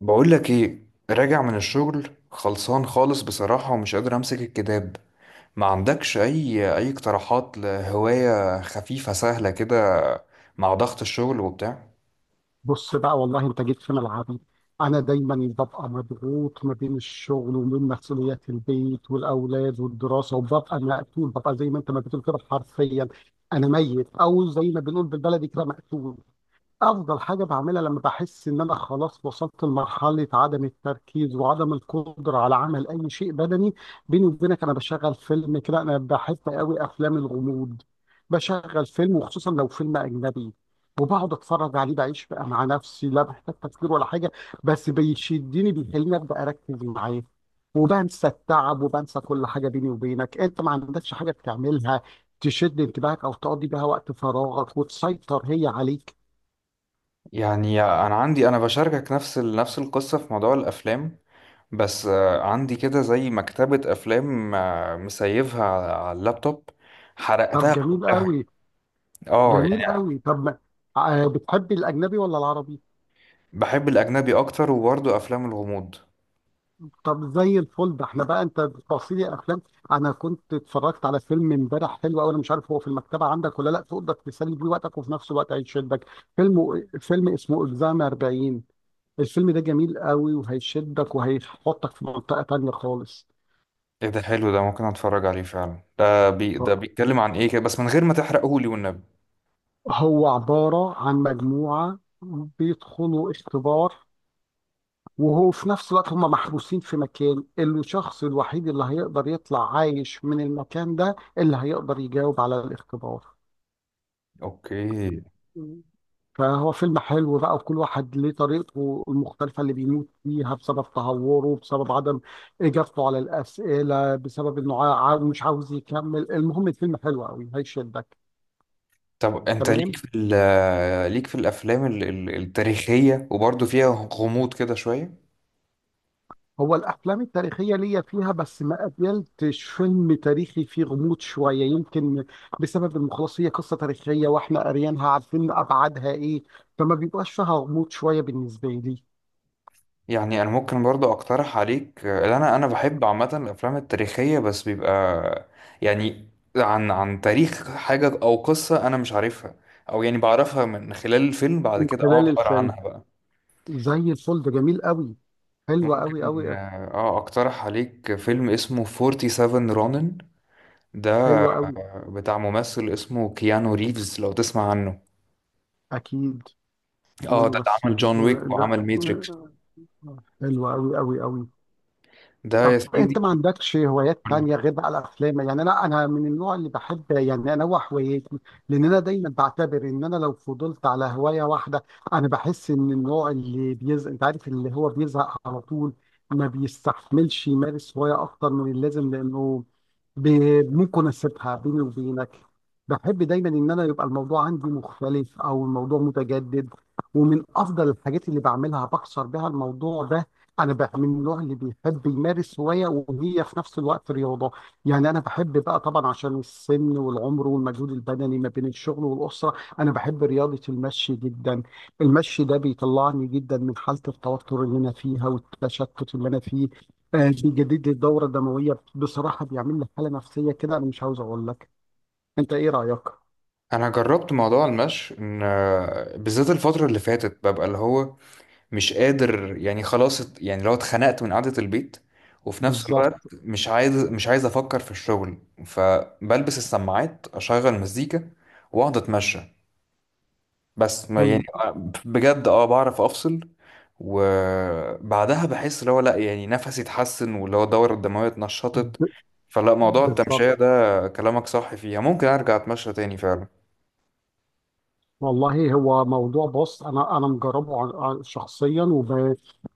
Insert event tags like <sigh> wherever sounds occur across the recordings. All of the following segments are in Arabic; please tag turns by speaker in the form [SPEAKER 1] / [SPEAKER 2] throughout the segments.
[SPEAKER 1] بقول لك ايه، راجع من الشغل خلصان خالص بصراحة ومش قادر امسك الكتاب. ما عندكش اي اقتراحات لهواية خفيفة سهلة كده مع ضغط الشغل وبتاع؟
[SPEAKER 2] بص بقى، والله انت جيت في ملعبي. انا دايما ببقى مضغوط ما بين الشغل وما بين مسؤوليات البيت والاولاد والدراسه، وببقى مقتول، ببقى زي ما انت ما بتقول كده حرفيا. انا ميت، او زي ما بنقول بالبلدي كده، مقتول. افضل حاجه بعملها لما بحس ان انا خلاص وصلت لمرحله عدم التركيز وعدم القدره على عمل اي شيء بدني، بيني وبينك، انا بشغل فيلم كده. انا بحب قوي افلام الغموض. بشغل فيلم، وخصوصا لو فيلم اجنبي، وبقعد اتفرج عليه، بعيش بقى مع نفسي، لا بحتاج تفكير ولا حاجه. بس بيشدني، بيخليني ابدا اركز معاه، وبنسى التعب وبنسى كل حاجه. بيني وبينك، انت ما عندكش حاجه بتعملها تشد انتباهك او تقضي بيها وقت فراغك وتسيطر هي عليك؟
[SPEAKER 1] يعني انا بشاركك نفس نفس القصة في موضوع الافلام. بس عندي كده زي مكتبة افلام، مسيفها على اللابتوب،
[SPEAKER 2] طب
[SPEAKER 1] حرقتها
[SPEAKER 2] جميل
[SPEAKER 1] كلها.
[SPEAKER 2] قوي.
[SPEAKER 1] اه
[SPEAKER 2] جميل
[SPEAKER 1] يعني.
[SPEAKER 2] قوي. طب ما- بتحبي الاجنبي ولا العربي؟
[SPEAKER 1] بحب الاجنبي اكتر وبرضه افلام الغموض.
[SPEAKER 2] طب زي الفل. ده احنا بقى انت بتوصي لي افلام. انا كنت اتفرجت على فيلم امبارح حلو قوي، انا مش عارف هو في المكتبه عندك ولا لا، تقدر تسلي بيه وقتك وفي نفس الوقت هيشدك. فيلم اسمه اكزام 40. الفيلم ده جميل قوي، وهيشدك، وهيحطك في منطقه تانية خالص.
[SPEAKER 1] ايه ده؟ حلو ده، ممكن اتفرج عليه فعلا. ده بي ده بيتكلم عن ايه كده، بس من غير ما تحرقه لي والنبي.
[SPEAKER 2] هو عباره عن مجموعه بيدخلوا اختبار، وهو في نفس الوقت هم محبوسين في مكان، الشخص الوحيد اللي هيقدر يطلع عايش من المكان ده اللي هيقدر يجاوب على الاختبار.
[SPEAKER 1] اوكي.
[SPEAKER 2] مم. فهو فيلم حلو بقى، وكل واحد ليه طريقته المختلفة اللي بيموت فيها، بسبب تهوره، بسبب عدم إجابته على الأسئلة، بسبب إنه مش عاوز يكمل. المهم، الفيلم حلو قوي، هيشدك.
[SPEAKER 1] طب انت
[SPEAKER 2] تمام.
[SPEAKER 1] ليك في الافلام التاريخيه وبرضه فيها غموض كده شويه؟
[SPEAKER 2] هو الافلام التاريخيه ليا فيها، بس ما قابلتش فيلم تاريخي فيه غموض شويه، يمكن بسبب إن خلاص هي قصه تاريخيه واحنا قاريينها، عارفين ابعادها ايه، فما بيبقاش فيها غموض شويه بالنسبه لي.
[SPEAKER 1] يعني انا ممكن برضه اقترح عليك. اللي انا بحب عامه الافلام التاريخيه، بس بيبقى يعني عن تاريخ حاجه او قصه انا مش عارفها، او يعني بعرفها من خلال الفيلم، بعد
[SPEAKER 2] من
[SPEAKER 1] كده اقعد
[SPEAKER 2] خلال
[SPEAKER 1] اقرا
[SPEAKER 2] الفيلم،
[SPEAKER 1] عنها بقى.
[SPEAKER 2] زي الفل. ده جميل قوي، حلو قوي
[SPEAKER 1] ممكن
[SPEAKER 2] قوي.
[SPEAKER 1] اقترح عليك فيلم اسمه 47 رونن، ده
[SPEAKER 2] حلو قوي.
[SPEAKER 1] بتاع ممثل اسمه كيانو ريفز، لو تسمع عنه.
[SPEAKER 2] اكيد. في
[SPEAKER 1] اه، ده اللي
[SPEAKER 2] ممثل؟
[SPEAKER 1] عمل جون ويك
[SPEAKER 2] لا.
[SPEAKER 1] وعمل ماتريكس.
[SPEAKER 2] حلو قوي قوي قوي.
[SPEAKER 1] ده يا
[SPEAKER 2] انت
[SPEAKER 1] سيدي.
[SPEAKER 2] ما عندكش هوايات تانية غير بقى الافلام؟ يعني انا من النوع اللي بحب يعني انوع هواياتي، لان انا دايما بعتبر ان انا لو فضلت على هواية واحدة، انا بحس ان النوع اللي بيزهق، انت عارف اللي هو بيزهق على طول، ما بيستحملش يمارس هواية اكتر من اللازم، لانه ممكن اسيبها. بيني وبينك، بحب دايما ان انا يبقى الموضوع عندي مختلف او الموضوع متجدد، ومن افضل الحاجات اللي بعملها بكسر بها الموضوع ده، انا بقى من النوع اللي بيحب يمارس هوايه وهي في نفس الوقت رياضه. يعني انا بحب بقى، طبعا عشان السن والعمر والمجهود البدني ما بين الشغل والاسره، انا بحب رياضه المشي جدا. المشي ده بيطلعني جدا من حاله التوتر اللي انا فيها والتشتت اللي انا فيه، بيجدد لي الدوره الدمويه بصراحه، بيعمل لي حاله نفسيه كده انا مش عاوز اقول لك. انت ايه رايك؟
[SPEAKER 1] انا جربت موضوع المشي، ان بالذات الفترة اللي فاتت ببقى اللي هو مش قادر، يعني خلاص، يعني لو اتخنقت من قعدة البيت، وفي نفس الوقت
[SPEAKER 2] بالظبط.
[SPEAKER 1] مش عايز افكر في الشغل، فبلبس السماعات، اشغل مزيكا، واقعد اتمشى. بس ما يعني
[SPEAKER 2] حلو.
[SPEAKER 1] بجد، اه، بعرف افصل. وبعدها بحس اللي هو لا، يعني نفسي اتحسن، واللي هو الدورة الدموية اتنشطت.
[SPEAKER 2] ب-
[SPEAKER 1] فلا، موضوع
[SPEAKER 2] بالظبط،
[SPEAKER 1] التمشية ده كلامك صح فيها، ممكن ارجع اتمشى تاني فعلا.
[SPEAKER 2] والله. هو موضوع، بص، انا مجربه، شخصيا،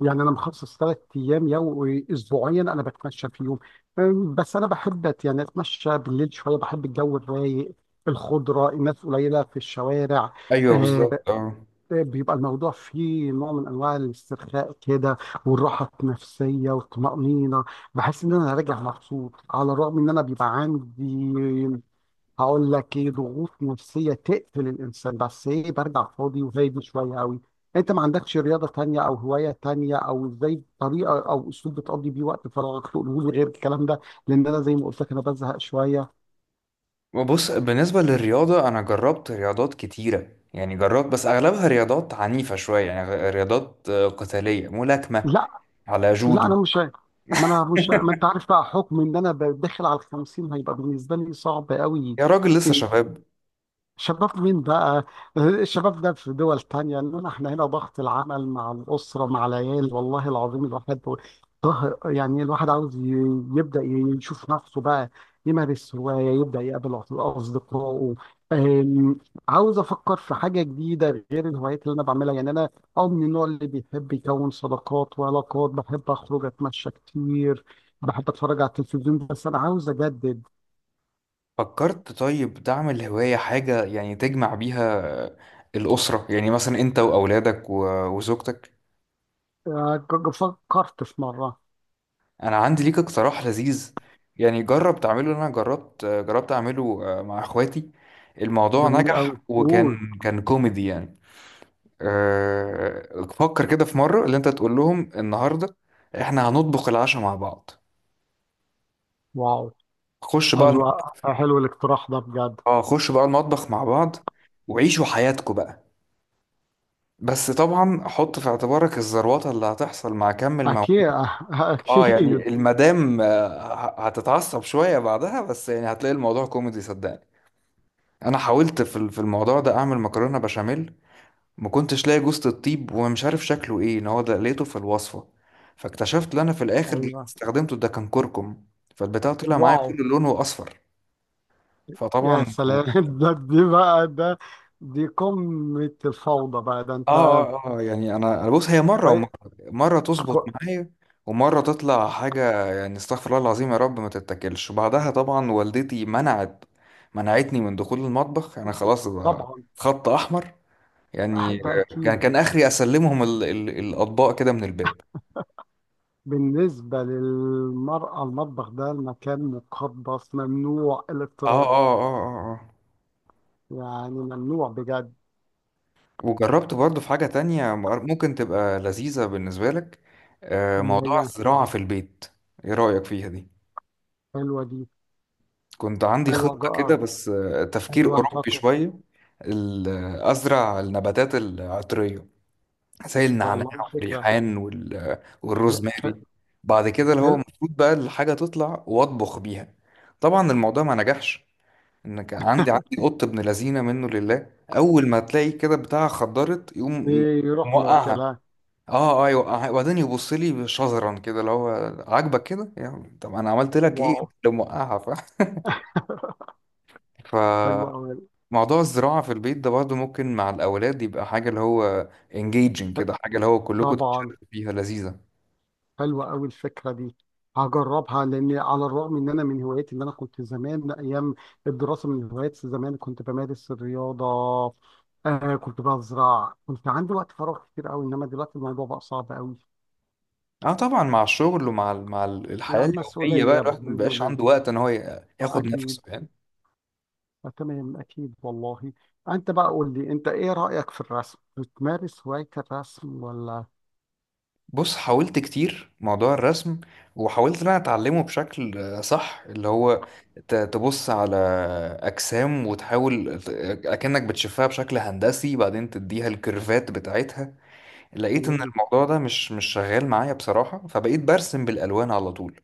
[SPEAKER 2] يعني انا مخصص 3 ايام اسبوعيا انا بتمشى فيهم. بس انا بحب، يعني اتمشى بالليل شويه، بحب الجو الرايق، الخضره، الناس قليله في الشوارع.
[SPEAKER 1] ايوه
[SPEAKER 2] آه.
[SPEAKER 1] بالظبط، اه.
[SPEAKER 2] بيبقى الموضوع فيه نوع من انواع الاسترخاء كده، والراحه النفسيه والطمانينه. بحس ان انا راجع مبسوط، على الرغم ان انا بيبقى عندي، هقول لك ايه، ضغوط نفسيه تقتل الانسان، بس ايه، برجع فاضي وهادي شويه قوي. انت ما عندكش رياضه تانية او هوايه تانية، او ازاي طريقه او اسلوب بتقضي بيه وقت فراغك تقوله لي غير الكلام ده؟ لان انا زي ما قلت لك انا بزهق شويه.
[SPEAKER 1] بص، بالنسبة للرياضة انا جربت رياضات كتيرة، يعني جربت، بس اغلبها رياضات عنيفة شوية، يعني رياضات قتالية، ملاكمة،
[SPEAKER 2] لا.
[SPEAKER 1] على
[SPEAKER 2] لا،
[SPEAKER 1] جودو.
[SPEAKER 2] انا مش عارف. ما انا مش، ما انت عارف بقى، حكم ان انا داخل على ال 50، هيبقى بالنسبه لي صعب قوي.
[SPEAKER 1] يا راجل، لسه
[SPEAKER 2] ان
[SPEAKER 1] شباب.
[SPEAKER 2] شباب مين بقى؟ الشباب ده في دول تانية، إنما إحنا هنا ضغط العمل مع الأسرة مع العيال، والله العظيم الواحد، يعني الواحد عاوز يبدأ يشوف نفسه بقى، يمارس هواية، يبدأ يقابل أصدقائه. أم، عاوز أفكر في حاجة جديدة غير الهوايات اللي أنا بعملها. يعني أنا من النوع اللي بيحب يكون صداقات وعلاقات، بحب أخرج، أتمشى كتير، بحب أتفرج على التلفزيون، بس أنا عاوز أجدد.
[SPEAKER 1] فكرت طيب تعمل هواية حاجة يعني تجمع بيها الأسرة، يعني مثلا أنت وأولادك وزوجتك؟
[SPEAKER 2] أه، فكرت في مرة.
[SPEAKER 1] أنا عندي ليك اقتراح لذيذ، يعني جرب تعمله. أنا جربت أعمله مع إخواتي، الموضوع
[SPEAKER 2] جميل قوي،
[SPEAKER 1] نجح،
[SPEAKER 2] قول.
[SPEAKER 1] وكان كان كوميدي يعني. فكر كده في مرة اللي أنت تقول لهم: النهاردة إحنا هنطبخ العشاء مع بعض.
[SPEAKER 2] واو.
[SPEAKER 1] خش بقى
[SPEAKER 2] حلو.
[SPEAKER 1] الم-
[SPEAKER 2] حلو الاقتراح ده بجد.
[SPEAKER 1] اه، خش بقى المطبخ مع بعض، وعيشوا حياتكم بقى. بس طبعا حط في اعتبارك الزروطه اللي هتحصل مع كم
[SPEAKER 2] اكيد.
[SPEAKER 1] المواعيد.
[SPEAKER 2] <laughs>
[SPEAKER 1] اه
[SPEAKER 2] اكيد.
[SPEAKER 1] يعني المدام هتتعصب شويه بعدها، بس يعني هتلاقي الموضوع كوميدي صدقني. انا حاولت في الموضوع ده اعمل مكرونه بشاميل، ما كنتش لاقي جوزة الطيب، ومش عارف شكله ايه، ان هو ده لقيته في الوصفه، فاكتشفت ان انا في الاخر اللي
[SPEAKER 2] ايوه.
[SPEAKER 1] استخدمته ده كان كركم، فالبتاع طلع معايا
[SPEAKER 2] واو.
[SPEAKER 1] كل لونه اصفر. فطبعا،
[SPEAKER 2] يا سلام. <laughs> ده دي بقى. ده دي قمة الفوضى بقى. ده انت.
[SPEAKER 1] يعني انا بص، هي مره
[SPEAKER 2] كوي-
[SPEAKER 1] ومره. مره تظبط
[SPEAKER 2] كو-
[SPEAKER 1] معايا، ومره تطلع حاجه يعني استغفر الله العظيم يا رب ما تتاكلش. وبعدها طبعا والدتي منعتني من دخول المطبخ، انا خلاص بقى
[SPEAKER 2] طبعا.
[SPEAKER 1] خط احمر يعني.
[SPEAKER 2] ده
[SPEAKER 1] كان
[SPEAKER 2] اكيد.
[SPEAKER 1] كان اخري اسلمهم ال ال الاطباق كده من الباب.
[SPEAKER 2] بالنسبة للمرأة المطبخ ده المكان مقدس، ممنوع
[SPEAKER 1] اه
[SPEAKER 2] الاقتراب.
[SPEAKER 1] اه اه اه، آه.
[SPEAKER 2] يعني ممنوع بجد.
[SPEAKER 1] وجربت برضو في حاجه تانية ممكن تبقى لذيذه بالنسبه لك:
[SPEAKER 2] اللي
[SPEAKER 1] موضوع
[SPEAKER 2] هي؟
[SPEAKER 1] الزراعه في البيت. ايه رايك فيها دي؟
[SPEAKER 2] حلوة دي.
[SPEAKER 1] كنت عندي
[SPEAKER 2] حلوة
[SPEAKER 1] خطة كده،
[SPEAKER 2] جاء.
[SPEAKER 1] بس تفكير
[SPEAKER 2] حلوة
[SPEAKER 1] أوروبي
[SPEAKER 2] نفقة.
[SPEAKER 1] شوية: أزرع النباتات العطرية، زي النعناع
[SPEAKER 2] والله فكرة.
[SPEAKER 1] والريحان
[SPEAKER 2] ح- ح-
[SPEAKER 1] والروزماري، بعد كده اللي هو
[SPEAKER 2] حلو.
[SPEAKER 1] المفروض بقى الحاجة تطلع وأطبخ بيها. طبعا الموضوع ما نجحش، إن كان عندي قط ابن لذينة منه لله، أول ما تلاقي كده بتاعها خضرت يقوم
[SPEAKER 2] يروح
[SPEAKER 1] موقعها.
[SPEAKER 2] ماكلها.
[SPEAKER 1] اه اه، يوقعها، وبعدين يبص لي شزرا كده، اللي هو عاجبك كده يعني، طب انا عملت لك ايه؟
[SPEAKER 2] واو.
[SPEAKER 1] لو موقعها فاهم.
[SPEAKER 2] <laughs> حلوة
[SPEAKER 1] <laughs>
[SPEAKER 2] أوي.
[SPEAKER 1] موضوع الزراعة في البيت ده برضه ممكن مع الأولاد يبقى حاجة اللي هو engaging كده، حاجة اللي هو كلكم
[SPEAKER 2] طبعا.
[SPEAKER 1] تتشاركوا فيها، لذيذة.
[SPEAKER 2] حلوة أوي الفكرة دي. هجربها، لأن على الرغم إن أنا من هواياتي، اللي أنا كنت زمان أيام الدراسة من هوايات زمان كنت بمارس الرياضة. آه، كنت بزرع، كنت عندي وقت فراغ كتير أوي، إنما دلوقتي الموضوع بقى صعب أوي.
[SPEAKER 1] اه طبعا، مع الشغل ومع
[SPEAKER 2] مع
[SPEAKER 1] الحياة اليومية بقى
[SPEAKER 2] المسؤولية،
[SPEAKER 1] الواحد
[SPEAKER 2] بيني
[SPEAKER 1] مبيبقاش
[SPEAKER 2] وبين.
[SPEAKER 1] عنده وقت ان هو ياخد
[SPEAKER 2] أكيد.
[SPEAKER 1] نفسه يعني.
[SPEAKER 2] آه، تمام، أكيد والله. أنت بقى قول لي، أنت إيه رأيك في الرسم؟ بتمارس هواية الرسم ولا؟
[SPEAKER 1] بص، حاولت كتير موضوع الرسم، وحاولت ان انا اتعلمه بشكل صح، اللي هو تبص على أجسام، وتحاول أكنك بتشوفها بشكل هندسي، بعدين تديها الكيرفات بتاعتها. لقيت ان
[SPEAKER 2] تمام.
[SPEAKER 1] الموضوع ده مش شغال معايا بصراحة، فبقيت برسم بالالوان على طول،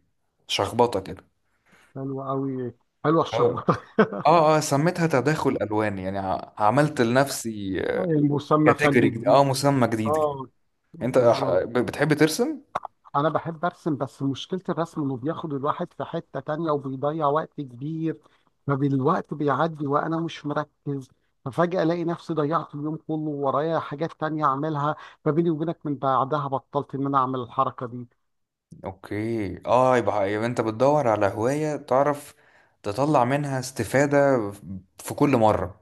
[SPEAKER 1] شخبطة كده.
[SPEAKER 2] حلوة أوي. حلوة
[SPEAKER 1] أو-
[SPEAKER 2] الشربات.
[SPEAKER 1] اه اه، سميتها تداخل الوان، يعني عملت لنفسي
[SPEAKER 2] <laughs> المسمى
[SPEAKER 1] كاتيجوري
[SPEAKER 2] فني
[SPEAKER 1] جديد، اه،
[SPEAKER 2] جديد.
[SPEAKER 1] مسمى جديد كده.
[SPEAKER 2] اه.
[SPEAKER 1] انت
[SPEAKER 2] بالظبط.
[SPEAKER 1] بتحب ترسم؟
[SPEAKER 2] أنا بحب أرسم، بس مشكلة الرسم إنه بياخد الواحد في حتة تانية وبيضيع وقت كبير. فبالوقت بيعدي وأنا مش مركز، ففجأة ألاقي نفسي ضيعت اليوم كله ورايا حاجات تانية أعملها. فبيني وبينك، من بعدها بطلت إن أنا أعمل الحركة دي.
[SPEAKER 1] اوكي، اه، يبقى انت بتدور على هواية تعرف تطلع منها استفادة في كل مرة.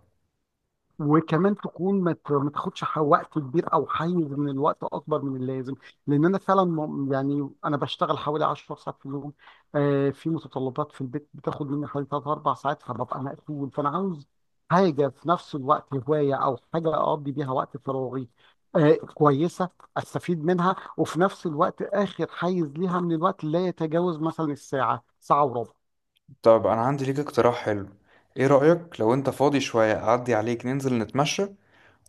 [SPEAKER 2] وكمان تكون، ما تاخدش وقت كبير او حيز من الوقت اكبر من اللازم، لان انا فعلا يعني انا بشتغل حوالي 10 ساعات في اليوم، آه، في متطلبات في البيت بتاخد مني حوالي 3 4 ساعات، فببقى مقفول. فانا عاوز حاجه في نفس الوقت هوايه او حاجه اقضي بيها وقت فراغي، آه، كويسه، استفيد منها، وفي نفس الوقت اخر حيز ليها من الوقت لا يتجاوز مثلا الساعه، ساعه وربع.
[SPEAKER 1] طب انا عندي ليك اقتراح حلو. ايه رأيك لو انت فاضي شوية، اعدي عليك ننزل نتمشى،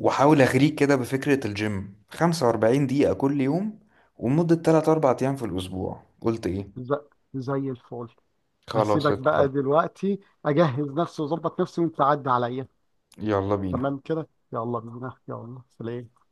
[SPEAKER 1] واحاول اغريك كده بفكرة الجيم؟ 45 دقيقة كل يوم، ومدة 3 4 ايام في الاسبوع. قلت ايه؟
[SPEAKER 2] ز- زي الفل.
[SPEAKER 1] خلاص
[SPEAKER 2] هسيبك بقى
[SPEAKER 1] اتفقنا.
[SPEAKER 2] دلوقتي، اجهز نفسي واظبط نفسي، وانت عدى عليا.
[SPEAKER 1] يلا بينا.
[SPEAKER 2] تمام كده، يلا بينا. يلا سلام.